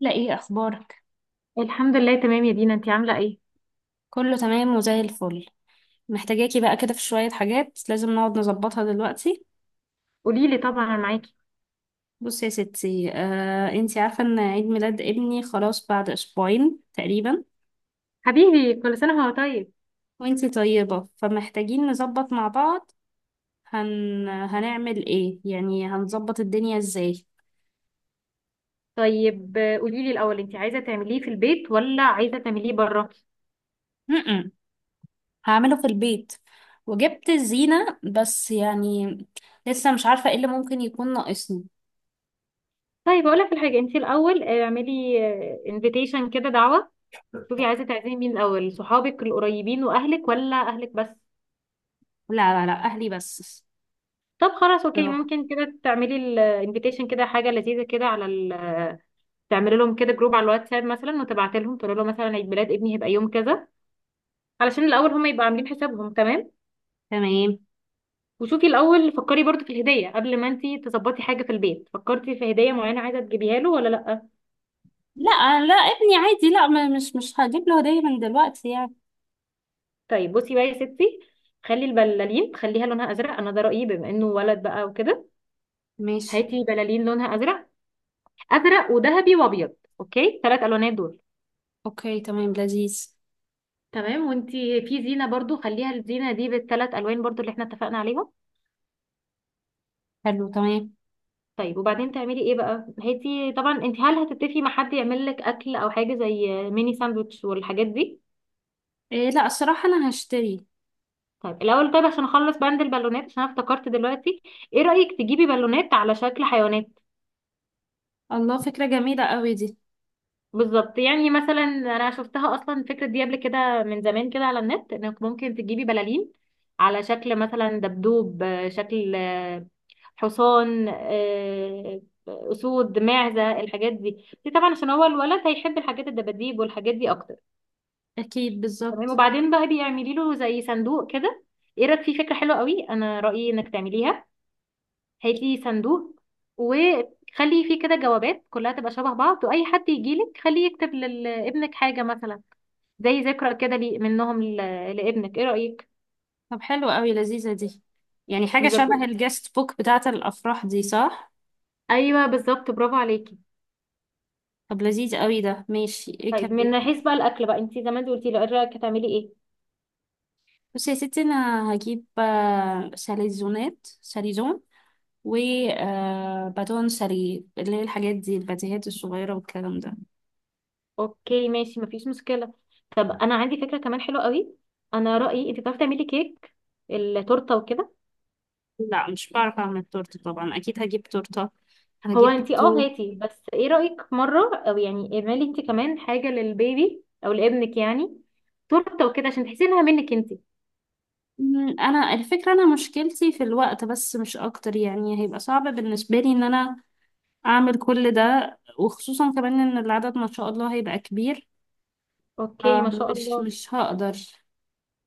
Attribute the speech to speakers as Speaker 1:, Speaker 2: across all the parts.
Speaker 1: لا، ايه اخبارك؟
Speaker 2: الحمد لله تمام يا دينا، انتي عاملة ايه؟
Speaker 1: كله تمام وزي الفل. محتاجاكي بقى كده في شوية حاجات لازم نقعد نظبطها دلوقتي.
Speaker 2: قوليلي، طبعا انا معاكي.
Speaker 1: بصي يا ستي، انتي عارفة ان عيد ميلاد ابني خلاص بعد اسبوعين تقريبا.
Speaker 2: حبيبي كل سنة وهو طيب.
Speaker 1: وانتي طيبة، فمحتاجين نظبط مع بعض. هنعمل ايه يعني، هنظبط الدنيا ازاي؟
Speaker 2: طيب قوليلي الأول انتي عايزة تعمليه في البيت ولا عايزة تعمليه بره؟
Speaker 1: م-م. هعمله في البيت، وجبت الزينة، بس يعني لسه مش عارفة ايه اللي ممكن يكون ناقصني.
Speaker 2: طيب اقولك الحاجة انتي الأول، اعملي انفيتيشن كده، دعوة. شوفي عايزة تعزمي مين الأول، صحابك القريبين وأهلك ولا أهلك بس؟
Speaker 1: لا، لا، لا، اهلي بس.
Speaker 2: طب خلاص اوكي،
Speaker 1: بصراحة.
Speaker 2: ممكن كده تعملي الانفيتيشن كده حاجة لذيذة كده على تعملي لهم كده جروب على الواتساب مثلا، وتبعتي لهم تقول لهم مثلا عيد ميلاد ابني هيبقى يوم كذا، علشان الأول هم يبقوا عاملين حسابهم تمام؟
Speaker 1: تمام.
Speaker 2: وشوفي الاول فكري برضو في الهديه، قبل ما انتي تظبطي حاجه في البيت فكرتي في هديه معينه عايزه تجيبيها له ولا لا؟
Speaker 1: لا، لا، ابني عادي، لا، مش هجيب له هدية من دلوقتي يعني.
Speaker 2: طيب بصي بقى يا ستي، خلي البلالين خليها لونها ازرق، انا ده رايي بما انه ولد بقى وكده.
Speaker 1: ماشي،
Speaker 2: هاتي بلالين لونها ازرق، ازرق وذهبي وابيض، اوكي ثلاث الوانات دول.
Speaker 1: اوكي، تمام، لذيذ.
Speaker 2: تمام، وانتي في زينه برضو خليها الزينه دي بالثلاث الوان برضو اللي احنا اتفقنا عليهم.
Speaker 1: حلو، تمام.
Speaker 2: طيب وبعدين تعملي ايه بقى؟ هاتي طبعا، انت هل هتتفقي مع حد يعمل لك اكل او حاجه زي ميني ساندوتش والحاجات دي؟
Speaker 1: إيه، لا، الصراحة انا هشتري.
Speaker 2: طيب الاول، طيب عشان اخلص بند البالونات، عشان أنا افتكرت دلوقتي، ايه رايك تجيبي بالونات على شكل حيوانات؟
Speaker 1: الله، فكرة جميلة قوي دي.
Speaker 2: بالظبط، يعني مثلا انا شفتها اصلا الفكره دي قبل كده من زمان كده على النت، انك ممكن تجيبي بلالين على شكل مثلا دبدوب، شكل، حصان، اسود، معزه، الحاجات دي. دي طبعا عشان هو الولد هيحب الحاجات الدباديب والحاجات دي اكتر.
Speaker 1: اكيد،
Speaker 2: تمام،
Speaker 1: بالظبط.
Speaker 2: وبعدين بقى بيعملي له زي صندوق كده. ايه رايك في فكره حلوه قوي؟ انا رايي انك تعمليها. هات لي صندوق، وخلي فيه كده جوابات كلها تبقى شبه بعض، واي حد يجيلك خليه يكتب لابنك حاجه، مثلا زي ذكرى كده لي منهم لابنك. ايه رايك؟
Speaker 1: طب حلو قوي، لذيذة دي. يعني حاجة
Speaker 2: نذاكر،
Speaker 1: شبه الجست بوك بتاعة الافراح دي، صح؟
Speaker 2: ايوه بالظبط، برافو عليكي.
Speaker 1: طب لذيذ قوي ده، ماشي، ايه
Speaker 2: طيب
Speaker 1: كمان؟
Speaker 2: من حيث بقى الاكل بقى، انتي زمان قلتي لي ايه رايك هتعملي ايه؟
Speaker 1: بصي يا ستي، انا هجيب ساليزون و باتون سالي اللي هي الحاجات دي، الباتيهات الصغيرة والكلام ده.
Speaker 2: اوكي ماشي، مفيش مشكله. طب انا عندي فكره كمان حلوه قوي، انا رايي انتي بتعرفي تعملي كيك، التورته وكده.
Speaker 1: لا، مش بعرف اعمل تورته طبعا، اكيد هجيب تورته،
Speaker 2: هو
Speaker 1: هجيب
Speaker 2: انتي اه
Speaker 1: جاتوه.
Speaker 2: هاتي بس، ايه رأيك مرة، او يعني اعملي انتي كمان حاجة للبيبي او لابنك، يعني تورته وكده عشان تحسي انها منك انتي.
Speaker 1: انا مشكلتي في الوقت بس، مش اكتر يعني، هيبقى صعب بالنسبه لي ان انا اعمل كل ده، وخصوصا كمان ان العدد ما شاء الله هيبقى كبير.
Speaker 2: اوكي،
Speaker 1: آه،
Speaker 2: ما شاء
Speaker 1: مش
Speaker 2: الله.
Speaker 1: مش هقدر.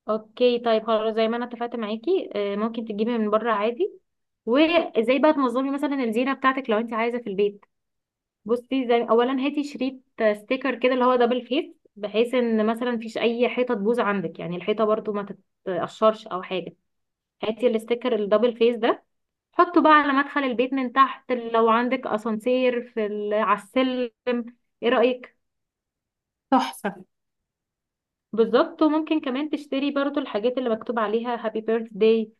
Speaker 2: اوكي طيب خلاص، زي ما انا اتفقت معاكي، ممكن تجيبي من بره عادي. وازاي بقى تنظمي مثلا الزينة بتاعتك لو انتي عايزة في البيت، بصي، زي اولا هاتي شريط، ستيكر كده اللي هو دبل فيس، بحيث ان مثلا مفيش اي حيطة تبوظ عندك، يعني الحيطة برضو ما تتقشرش او حاجة. هاتي الستيكر الدبل فيس ده، حطه بقى على مدخل البيت من تحت، لو عندك اسانسير، في على السلم. ايه رأيك؟
Speaker 1: تحفه.
Speaker 2: بالظبط، وممكن كمان تشتري برضو الحاجات اللي مكتوب عليها هابي بيرث داي.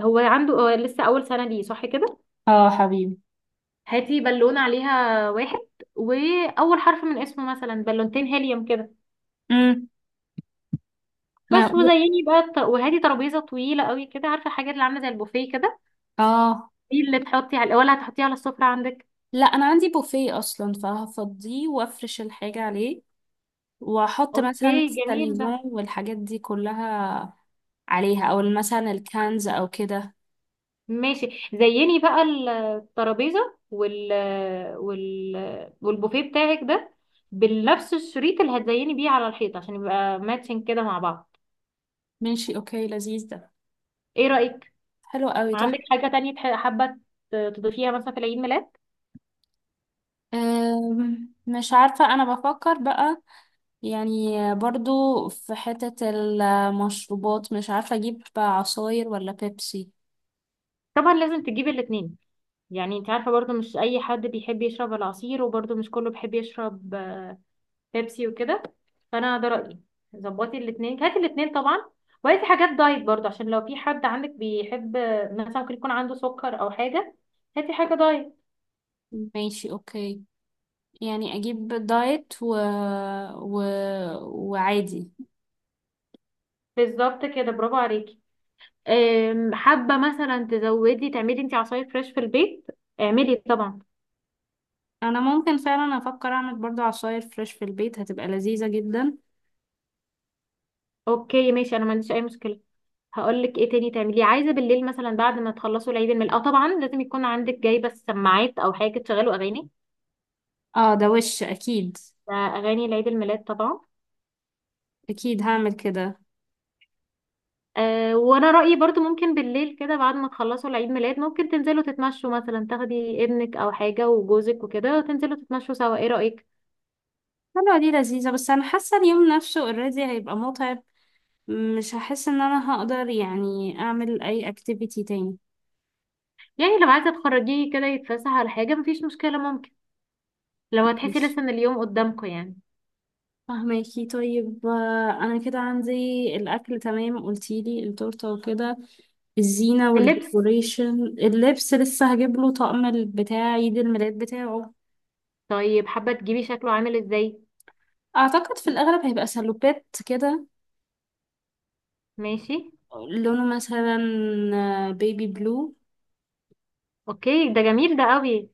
Speaker 2: هو عنده، هو لسه اول سنة ليه، صح كده؟
Speaker 1: اه، حبيبي.
Speaker 2: هاتي بالونة عليها واحد، واول حرف من اسمه مثلا، بالونتين هيليوم كده
Speaker 1: امم ما
Speaker 2: بس. وزيني بقى وهاتي ترابيزة طويلة قوي كده، عارفة الحاجات اللي عاملة زي البوفيه كده.
Speaker 1: اه،
Speaker 2: دي اللي تحطي على، ولا هتحطيها على السفرة عندك؟
Speaker 1: لا، انا عندي بوفيه اصلا فهفضيه وافرش الحاجه عليه، واحط مثلا
Speaker 2: اوكي جميل
Speaker 1: الساليزون
Speaker 2: ده،
Speaker 1: والحاجات دي كلها عليها، او مثلا الكنز او كده.
Speaker 2: ماشي. زيني بقى الترابيزة وال والبوفيه بتاعك ده بنفس الشريط اللي هتزيني بيه على الحيط، عشان يبقى ماتشنج كده مع بعض.
Speaker 1: ماشي، اوكي، لذيذ ده.
Speaker 2: ايه رأيك؟
Speaker 1: حلو قوي،
Speaker 2: عندك
Speaker 1: تحفة.
Speaker 2: حاجة تانية حابة تضيفيها مثلا في العيد ميلاد؟
Speaker 1: مش عارفة، انا بفكر بقى. يعني برضو في حتة المشروبات مش عارفة اجيب عصاير ولا بيبسي؟
Speaker 2: طبعا لازم تجيبي الاتنين، يعني انت عارفة برضو مش اي حد بيحب يشرب العصير، وبرضو مش كله بيحب يشرب بيبسي وكده. فانا ده رايي، ظبطي الاثنين، هاتي الاثنين طبعا. وهاتي حاجات دايت برضو، عشان لو في حد عندك بيحب، مثلا ممكن يكون عنده سكر او حاجه، هاتي حاجه دايت.
Speaker 1: ماشي، اوكي. يعني اجيب دايت و... و... وعادي.
Speaker 2: بالظبط كده، برافو عليكي. حابه مثلا تزودي تعملي انت عصاير فريش في البيت، اعملي طبعا.
Speaker 1: انا ممكن فعلا افكر اعمل برضو عصاير فريش في البيت، هتبقى لذيذة جدا.
Speaker 2: اوكي ماشي، انا ما عنديش اي مشكله. هقول لك ايه تاني تعمليه، عايزه بالليل مثلا بعد ما تخلصوا العيد الميلاد، اه طبعا لازم يكون عندك جايبه السماعات او حاجه تشغلوا اغاني،
Speaker 1: اه، ده وش اكيد.
Speaker 2: ده اغاني العيد الميلاد طبعا.
Speaker 1: اكيد هعمل كده.
Speaker 2: أه، وانا رأيي برضو ممكن بالليل كده بعد ما تخلصوا العيد ميلاد، ممكن تنزلوا تتمشوا مثلا، تاخدي ابنك او حاجة وجوزك وكده، وتنزلوا تتمشوا سوا. ايه رأيك؟
Speaker 1: حلوة دي، لذيذة، بس أنا حاسة اليوم نفسه اوريدي هيبقى متعب. مش هحس إن أنا هقدر يعني أعمل أي أكتيفيتي تاني.
Speaker 2: يعني لو عايزة تخرجيه كده يتفسح على حاجة مفيش مشكلة، ممكن لو هتحسي
Speaker 1: ماشي.
Speaker 2: لسه ان اليوم قدامكم يعني.
Speaker 1: فهماكي، طيب، أنا كده عندي الأكل تمام، قلتيلي التورتة وكده، الزينة
Speaker 2: اللبس،
Speaker 1: والديكوريشن. اللبس لسه هجيب له طقم بتاع عيد الميلاد بتاعه.
Speaker 2: طيب حابة تجيبي شكله عامل ازاي؟
Speaker 1: أعتقد في الأغلب هيبقى سلوبات كده،
Speaker 2: ماشي.
Speaker 1: لونه مثلا بيبي بلو.
Speaker 2: اوكي ده جميل ده قوي.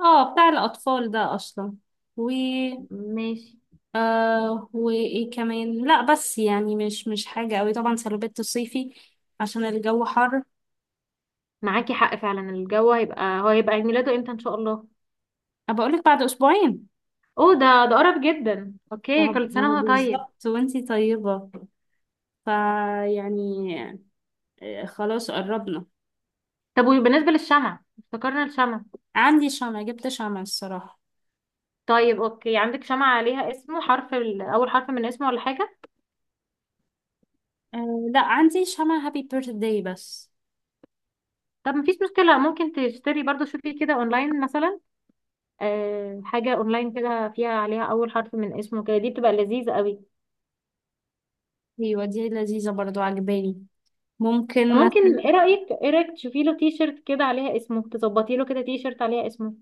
Speaker 1: اه، بتاع الأطفال ده أصلا.
Speaker 2: ماشي،
Speaker 1: وايه كمان، لا بس يعني مش حاجة قوي طبعا، سلوبيت الصيفي عشان الجو حر.
Speaker 2: معاكي حق فعلا، الجو هيبقى، هو هيبقى عيد ميلاده امتى ان شاء الله؟
Speaker 1: أه، بقولك بعد اسبوعين.
Speaker 2: اوه، ده قرب جدا،
Speaker 1: ما
Speaker 2: اوكي
Speaker 1: هو
Speaker 2: كل
Speaker 1: ما هو
Speaker 2: سنة وهو طيب.
Speaker 1: بالظبط، وانتي طيبة. فيعني خلاص قربنا.
Speaker 2: طب وبالنسبة للشمع، افتكرنا الشمع.
Speaker 1: عندي شمع، جبت شمع الصراحة.
Speaker 2: طيب اوكي، عندك شمعة عليها اسمه، حرف اول حرف من اسمه ولا حاجة؟
Speaker 1: لا، عندي شمع هابي بيرثداي بس.
Speaker 2: طب مفيش مشكلة، ممكن تشتري برضو، شوفي كده اونلاين مثلا. أه حاجة اونلاين كده فيها عليها اول حرف من اسمه كده، دي بتبقى لذيذة قوي.
Speaker 1: ايوه، دي لذيذة برضو، عجباني. ممكن
Speaker 2: ممكن،
Speaker 1: مثلا
Speaker 2: ايه رأيك تشوفي له تي شيرت كده عليها اسمه، تظبطي له كده تي شيرت عليها اسمه.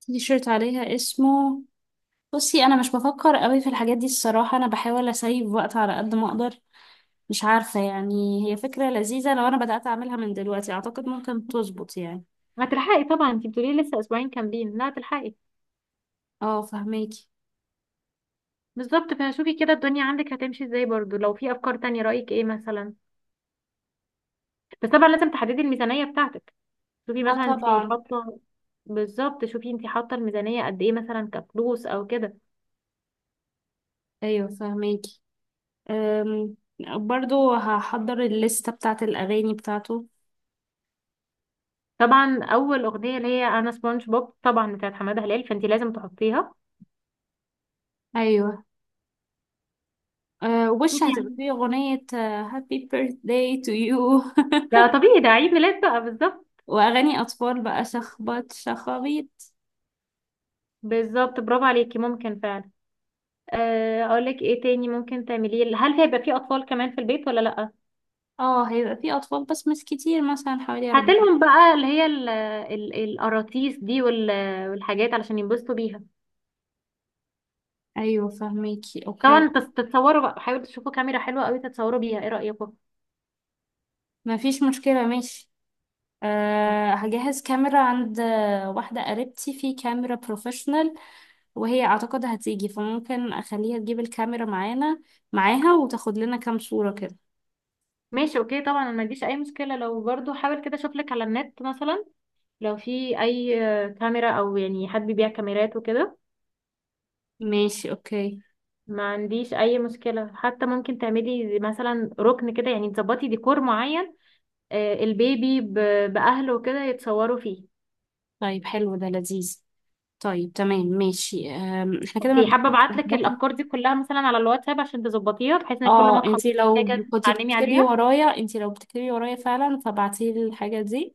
Speaker 1: تي شيرت عليها اسمه. بصي، انا مش بفكر قوي في الحاجات دي الصراحة، انا بحاول اسيب وقت على قد ما اقدر. مش عارفة، يعني هي فكرة لذيذة، لو أنا بدأت أعملها من دلوقتي أعتقد ممكن تظبط يعني.
Speaker 2: هتلحقي طبعا، انت بتقولي لي لسه اسبوعين كاملين، لا هتلحقي.
Speaker 1: اه، فهميكي.
Speaker 2: بالظبط، فشوفي كده الدنيا عندك هتمشي ازاي، برضو لو في افكار تانية رأيك ايه مثلا، بس طبعا لازم تحددي الميزانية بتاعتك. شوفي
Speaker 1: اه،
Speaker 2: مثلا انت
Speaker 1: طبعا.
Speaker 2: حاطه، بالظبط شوفي انت حاطه الميزانيه قد ايه مثلا، كفلوس او كده.
Speaker 1: أيوه، فهميكي. أم، برضو هحضر الليستة بتاعة الأغاني بتاعته.
Speaker 2: طبعا اول اغنيه اللي هي انا سبونج بوب طبعا بتاعت حماده هلال، فانت لازم تحطيها.
Speaker 1: أيوه. أه، وش
Speaker 2: شوفي
Speaker 1: هتبقى
Speaker 2: يعني،
Speaker 1: فيه أغنية هابي birthday to you
Speaker 2: ده طبيعي، ده عيد ميلاد بقى بالظبط.
Speaker 1: وأغاني أطفال بقى، شخبط شخابيط.
Speaker 2: بالظبط برافو عليكي، ممكن فعلا. اقول لك ايه تاني ممكن تعمليه، هل هيبقى في اطفال كمان في البيت ولا لا؟
Speaker 1: اه، هيبقى فيه أطفال بس مش كتير، مثلا حوالي أربعة.
Speaker 2: هاتلهم بقى اللي هي القراطيس دي والحاجات علشان ينبسطوا بيها.
Speaker 1: أيوه، فهميكي، أوكي.
Speaker 2: طبعا تتصوروا بقى، حاولوا تشوفوا كاميرا حلوه قوي تتصوروا بيها، ايه رايكم؟
Speaker 1: مفيش مشكلة، ماشي. أه، هجهز كاميرا. عند واحدة قريبتي في كاميرا بروفيشنال، وهي أعتقد هتيجي، فممكن أخليها تجيب الكاميرا معانا، معاها، وتاخد لنا كام صورة كده.
Speaker 2: ماشي اوكي، طبعا أنا ما عنديش اي مشكله، لو برضو حاول كده اشوف لك على النت مثلا لو في اي كاميرا، او يعني حد بيبيع كاميرات وكده.
Speaker 1: ماشي، أوكي.
Speaker 2: ما عنديش اي مشكله، حتى ممكن تعملي زي مثلا ركن كده، يعني تظبطي ديكور معين، البيبي باهله وكده يتصوروا فيه.
Speaker 1: طيب حلو ده، لذيذ. طيب تمام، ماشي، احنا كده
Speaker 2: اوكي، حابه
Speaker 1: مبدئيا
Speaker 2: ابعت لك
Speaker 1: ظبطنا.
Speaker 2: الافكار دي كلها مثلا على الواتساب عشان تظبطيها، بحيث ان كل ما
Speaker 1: اه،
Speaker 2: تخلصي حاجه تتعلمي عليها.
Speaker 1: انتي لو بتكتبي ورايا فعلا، فبعتيلي الحاجة دي.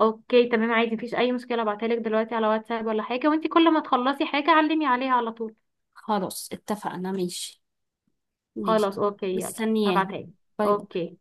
Speaker 2: اوكي تمام عادي، مفيش اي مشكله، ابعتها لك دلوقتي على واتساب ولا حاجه، وانت كل ما تخلصي حاجه علمي عليها على طول.
Speaker 1: خلاص، اتفقنا، ماشي. ماشي.
Speaker 2: خلاص اوكي، يلا
Speaker 1: مستنياها.
Speaker 2: هبعتها لي.
Speaker 1: باي.
Speaker 2: اوكي.